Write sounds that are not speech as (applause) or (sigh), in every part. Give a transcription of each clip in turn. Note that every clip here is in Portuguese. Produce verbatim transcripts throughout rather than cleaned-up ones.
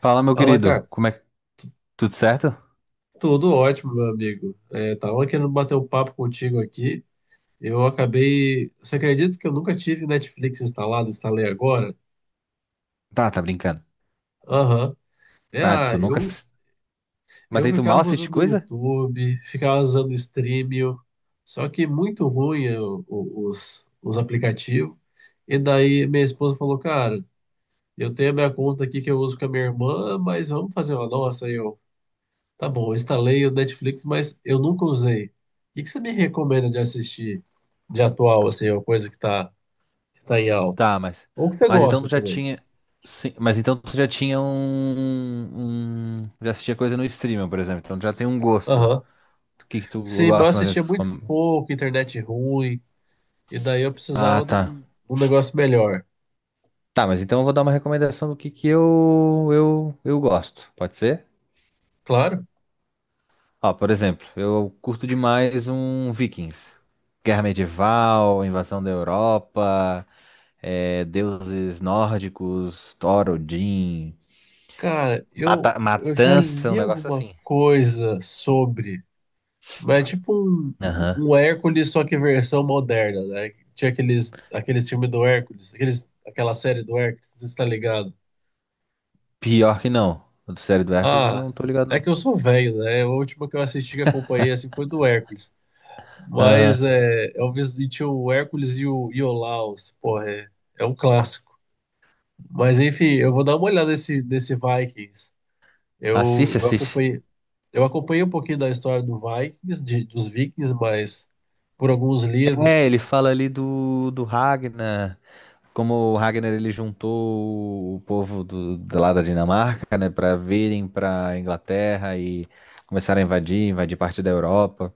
Fala, meu Fala, querido, cara. como é que... Tudo certo? Tudo ótimo, meu amigo. É, tava querendo bater um papo contigo aqui. Eu acabei. Você acredita que eu nunca tive Netflix instalado? Instalei agora? Tá, tá brincando. Aham. É, Ah, ah, tu nunca... eu, ass- Mas eu aí tu mal ficava assiste usando o coisa? YouTube, ficava usando o Streamio, só que muito ruim é, o- o- os, os aplicativos. E daí minha esposa falou, cara, eu tenho a minha conta aqui que eu uso com a minha irmã, mas vamos fazer uma nossa aí. Tá bom, eu instalei o Netflix, mas eu nunca usei. O que que você me recomenda de assistir de atual, assim, uma coisa que tá, que tá em alta? Tá, mas... Ou que você Mas então gosta tu já também. tinha... Sim, mas então tu já tinha um... um- Já assistia coisa no streaming, por exemplo. Então tu já tem um gosto. Aham. O que que tu Sim, mas eu gosta, mais ou assistia menos, muito como- pouco, internet ruim, e daí eu Ah, precisava de tá. um, um negócio melhor. Tá, mas então eu vou dar uma recomendação do que que eu... Eu, eu gosto. Pode ser? Claro. Ó, por exemplo, eu curto demais um Vikings. Guerra medieval, invasão da Europa... é, deuses nórdicos, Thor, Odin, Cara, eu, mata- eu já matança, um li negócio alguma assim. coisa sobre, mas é tipo um, Aham. um Hércules, só que versão moderna, né? Tinha aqueles, aqueles filmes do Hércules, aqueles, aquela série do Hércules, você está ligado? Pior que não. O do série do Hércules, Ah, não tô ligado é não. que eu sou velho, né? A última que eu assisti que acompanhei assim foi do Hércules. Mas é, eu visitei o Hércules e o, e o Porra, é, é um clássico. Mas enfim, eu vou dar uma olhada nesse, nesse Vikings. Eu, Assiste, eu assiste. acompanhei, eu acompanhei um pouquinho da história do Vikings, de- dos Vikings, mas por alguns livros, É, ele fala ali do, do Ragnar, como o Ragnar ele juntou o povo do, do lá da Dinamarca, né, para virem pra Inglaterra e começaram a invadir, invadir parte da Europa.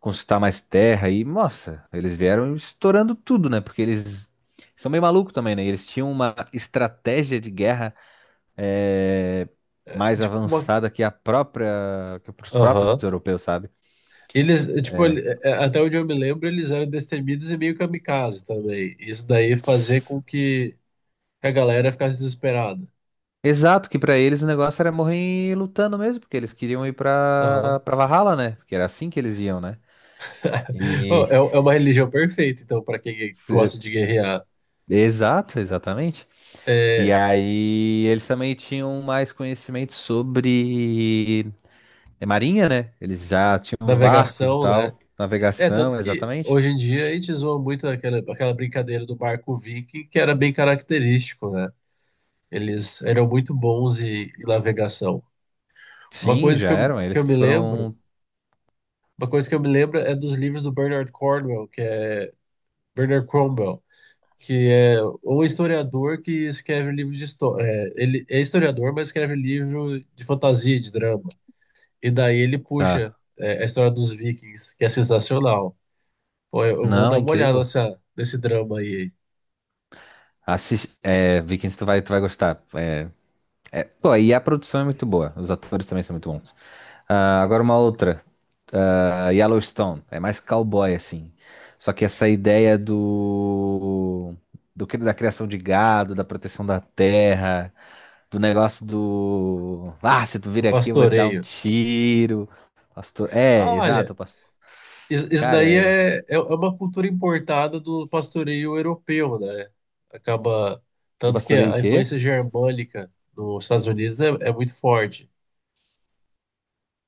Conquistar mais terra e, nossa, eles vieram estourando tudo, né? Porque eles são meio malucos também, né? Eles tinham uma estratégia de guerra é, é, mais tipo uma. avançada que a própria, que os próprios Aham. europeus, sabe? Eles, é, tipo, ele- é, é, até onde eu me lembro, eles eram destemidos e meio kamikaze também. Isso daí fazia com que que a galera ficasse desesperada. Exato, que pra eles o negócio era morrer lutando mesmo, porque eles queriam ir Aham. pra para Valhalla, né? Porque era assim que eles iam, né? (laughs) Ô, E é, é uma religião perfeita, então, para quem se- gosta de guerrear. exato, exatamente. E É, aí eles também tinham mais conhecimento sobre É marinha, né? Eles já tinham os barcos e navegação, né? tal. É, tanto Navegação, que exatamente. hoje em dia a gente zoa muito aquela, aquela brincadeira do barco viking, que era bem característico, né? Eles eram muito bons em, em navegação. Uma Sim, coisa já que eu, eram. que Eles eu que me lembro, foram. uma coisa que eu me lembro é dos livros do Bernard Cornwell, que é Bernard Cromwell, que é o historiador que escreve livro de história. Ele é historiador, mas escreve livro de fantasia, de drama. E daí ele Tá. puxa é, a história dos Vikings, que é sensacional. Pô, eu eu vou Não, é dar uma olhada incrível. nessa, nesse drama aí, Assis- é, Vikings, tu vai, tu vai gostar. É, é- pô, e a produção é muito boa. Os atores também são muito bons. Ah, agora uma outra. Ah, Yellowstone. É mais cowboy, assim. Só que essa ideia do, do que- da criação de gado, da proteção da terra. Do negócio do. Ah, se tu vir no aqui, eu vou te dar um pastoreio. tiro. Pastor... É, Ah, olha, exato. Pastor... is- isso Cara, daí é... é, é é uma cultura importada do pastoreio europeu, né? Acaba. Do Tanto que pastoreio o a quê? influência germânica nos Estados Unidos é, é muito forte.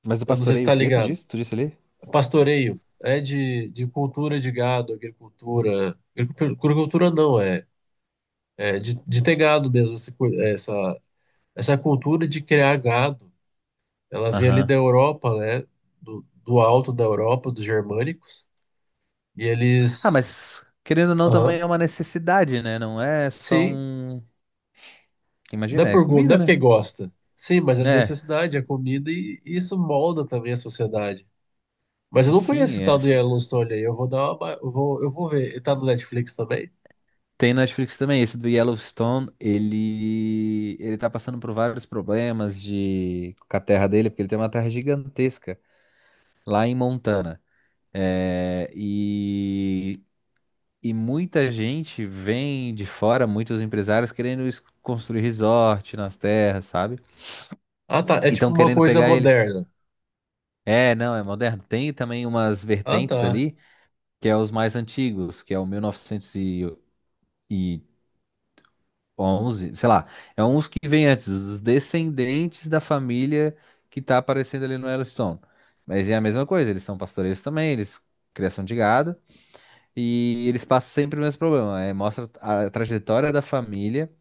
Mas do Eu não sei se pastoreio tá o quê, tu ligado. disse? Tu disse ali? Pastoreio é de, de cultura de gado, agricultura. agricu- Agricultura não, é, é de, de ter gado mesmo. esse cu- Essa, essa cultura de criar gado, ela vem ali da Aham. Europa, né? Do, do alto da Europa, dos germânicos. E Ah, eles. mas querendo ou não, também Aham, é uma necessidade, né? Não é só sim. um. Não é Imagina, é por, go- não é comida, né? porque gosta. Sim, mas é É. necessidade, é comida e, e isso molda também a sociedade. Mas eu e não conheço Sim, esse é- tal do se- Yellowstone aí. Eu vou dar uma. ba- Eu vou, eu vou ver. Ele tá no Netflix também? tem na Netflix também. Esse do Yellowstone, ele ele tá passando por vários problemas de com a terra dele, porque ele tem uma terra gigantesca lá em Montana. É, e, e muita gente vem de fora, muitos empresários querendo es- construir resort nas terras, sabe? Ah, tá. É E tipo estão uma querendo coisa pegar eles. moderna. É, não, é moderno. Tem também umas Ah, vertentes tá. ali, que é os mais antigos, que é o mil novecentos e onze, sei lá. É uns que vêm antes, os descendentes da família que tá aparecendo ali no Yellowstone. Mas é a mesma coisa, eles são pastoreiros também, eles criação de gado. E eles passam sempre o mesmo problema. É, mostra a trajetória da família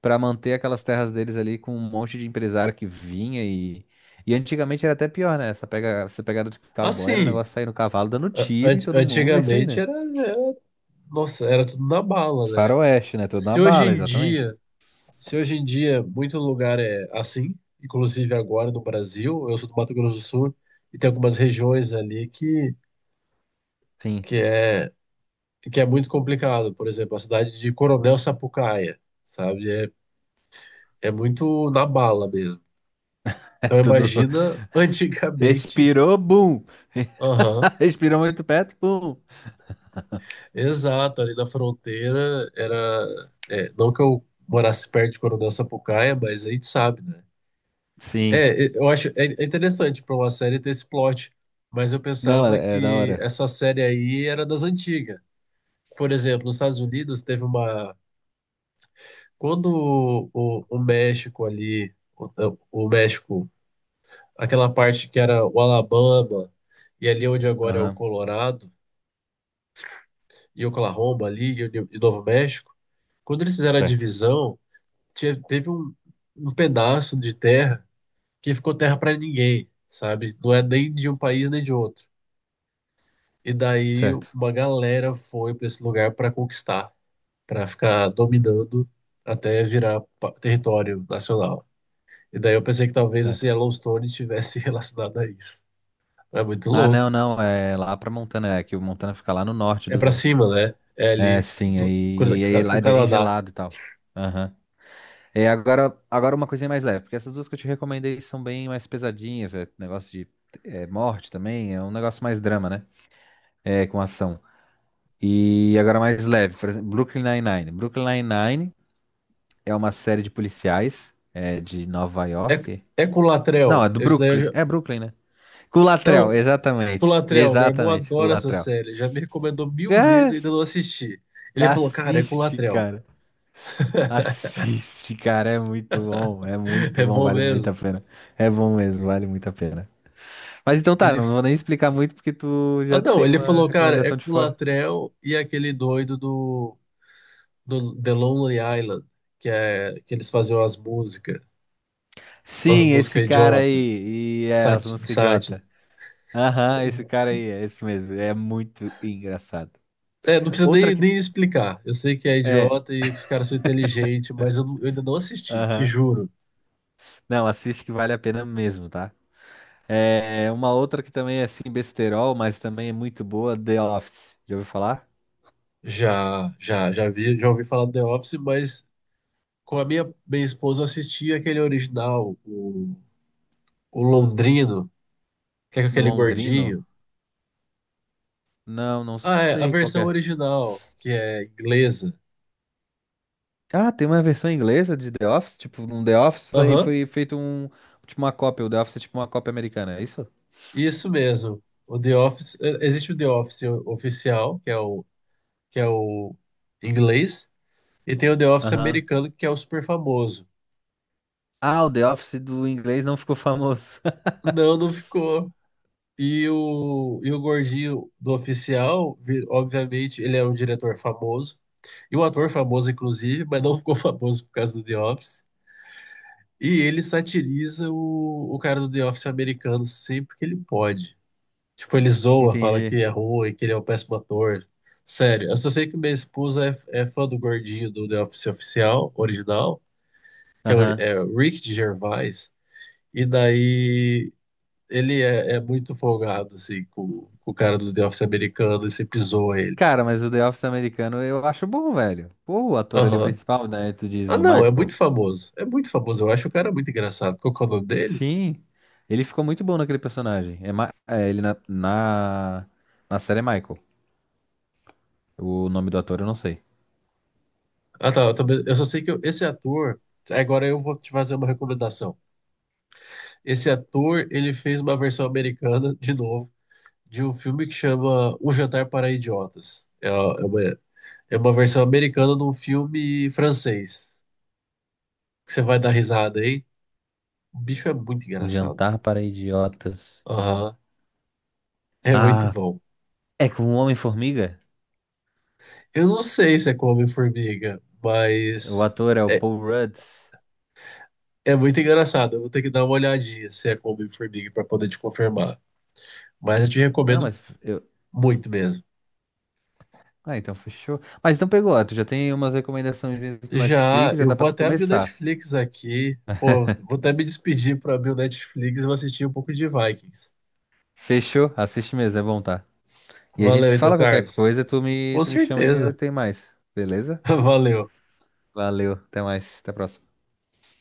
para manter aquelas terras deles ali com um monte de empresário que vinha e. E antigamente era até pior, né? Essa, pega, essa pegada de cowboy era o Assim, negócio sair no cavalo dando a- tiro em ant- todo mundo, é isso aí, antigamente né? era, era- nossa, era tudo na bala, né? Faroeste, né? Tudo na Se hoje bala, em exatamente. dia, se hoje em dia muito lugar é assim, inclusive agora no Brasil, eu sou do Mato Grosso do Sul e tem algumas regiões ali que Sim. que (laughs) é que é muito complicado. Por exemplo, a cidade de Coronel Sapucaia, sabe? É, é muito na bala mesmo. É Então tudo. imagina antigamente. Respirou, bum! (laughs) Aham. (laughs) Respirou muito perto, bum! Exato, ali na fronteira era. É, não que eu morasse perto de Coronel Sapucaia, mas a gente sabe, né? Sim. É, é, eu acho é é interessante para uma série ter esse plot, mas eu Não, pensava é, é da que hora. essa série aí era das antigas. Por exemplo, nos Estados Unidos teve uma. Quando o, o México ali, o, o México, aquela parte que era o Alabama, e ali onde agora é o Aham. Colorado, e Oklahoma ali, e o e Novo México, quando eles fizeram a Certo. divisão. tinha- teve um, um pedaço de terra que ficou terra para ninguém, sabe? Não é nem de um país nem de outro. E daí Certo. uma galera foi para esse lugar para conquistar, para ficar dominando até virar pa- território nacional. E daí eu pensei que talvez esse Certo. Yellowstone estivesse (laughs) relacionado a isso. É muito Ah, louco. não, não, é lá pra Montana, é que o Montana fica lá no norte É para do. cima, né? É É, ali sim, do- com aí, aí lá o é bem Canadá. gelado e tal. Aham. É, agora, agora uma coisinha mais leve, porque essas duas que eu te recomendei são bem mais pesadinhas, é negócio de é, morte também, é um negócio mais drama, né? É, com ação. E agora mais leve, por exemplo, Brooklyn Nine-Nine. Brooklyn Nine-Nine é uma série de policiais é, de Nova É, York. é com o Não, Latrell. é do Esse daí eu Brooklyn, já... é Brooklyn, né? Culatrell, Não, exatamente, Colateral, meu irmão exatamente, adora essa Culatrell. série, já me recomendou mil vezes Cara, e ainda não assisti. Ele falou, cara, é com assiste, Colateral, cara. Assiste, cara. É muito bom. É (laughs) muito é bom. bom Vale muito mesmo. a pena. É bom mesmo. Vale muito a pena. Mas então tá. Ele, Não vou nem explicar muito porque tu ah já não, tem ele uma falou, cara, é recomendação com de fora. Colateral e aquele doido do, do The Lonely Island, que é que eles faziam as músicas, as Sim, esse músicas cara idiota, aí. E é as sati- de músicas sátira. idiota. Aham, esse cara aí. É esse mesmo. É muito engraçado. É, não precisa Outra nem, que. nem explicar. Eu sei que é É. idiota e que os caras são inteligentes, mas eu, não- eu ainda não assisti, te Aham. juro. Não, assiste que vale a pena mesmo, tá? É uma outra que também é assim, besterol, mas também é muito boa. The Office. Já ouviu falar? Já, já, já vi, já ouvi falar do The Office, mas com a minha, minha esposa assistir aquele original, o, o Londrino, que é com aquele Londrino. gordinho. Não, não Ah, é, a sei qual que versão é. original, que é inglesa. Ah, tem uma versão inglesa de The Office? Tipo, um The Office aí Aham, foi feito um. Tipo uma cópia. O The Office é tipo uma cópia americana, é isso? isso mesmo. O The Office, eh, existe o The Office oficial, que é o, que é o inglês, e tem o The Office Aham. americano, que é o super famoso. Ah, o The Office do inglês não ficou famoso. Não, não ficou. E o, e o gordinho do oficial, vi- obviamente, ele é um diretor famoso, e um ator famoso, inclusive, mas não ficou (laughs) famoso por causa do The Office. E ele satiriza o, o cara do The Office americano sempre que ele pode. Tipo, ele (laughs) zoa, fala que Entendi. é ruim, que ele é um péssimo ator. Sério, eu só sei que minha esposa é, é fã do gordinho do The Office oficial, original, que é o Aham. é o Rick Gervais. E daí ele é, é muito folgado, assim, com, com o cara do The Office americano e sempre zoa ele. Cara, mas o The Office americano eu acho bom, velho. Pô, o ator ali Aham. principal, né? Tu diz, Ah, o não, é Michael. muito famoso. É muito famoso. Eu acho o cara muito engraçado. Qual que é o nome dele? Sim. Ele ficou muito bom naquele personagem. É, Ma- é, ele na... na. Na série é Michael. O nome do ator eu não sei. Ah, tá. Eu, também- eu só sei que eu- esse ator. Agora eu vou te fazer uma recomendação. Esse ator, ele fez uma versão americana, de novo, de um filme que chama Um Jantar para Idiotas. É, é uma, é uma versão americana de um filme francês. Que você vai dar risada aí. O bicho é muito Um engraçado. jantar para idiotas. Aham. É muito Ah, bom. é com o Homem-Formiga? Eu não sei se é com Homem-Formiga, O mas ator é o é, Paul Rudd. é muito engraçado. Eu vou ter que dar uma olhadinha se é com Homem-Formiga para poder te confirmar. Mas eu te Não, recomendo mas eu. muito mesmo. Ah, então fechou. Mas então pegou, ó, tu já tem umas recomendações pro Já, Netflix, já eu dá vou pra tu até abrir o começar. Netflix aqui. Pô, vou até me despedir para abrir o Netflix e vou assistir um pouco de Vikings. Fechou? Assiste mesmo, é bom, tá? E a gente Valeu se então, fala qualquer Carlos. coisa, tu me, Com tu me chama e eu certeza. tenho mais. Beleza? (laughs) Valeu. Valeu, até mais, até a próxima.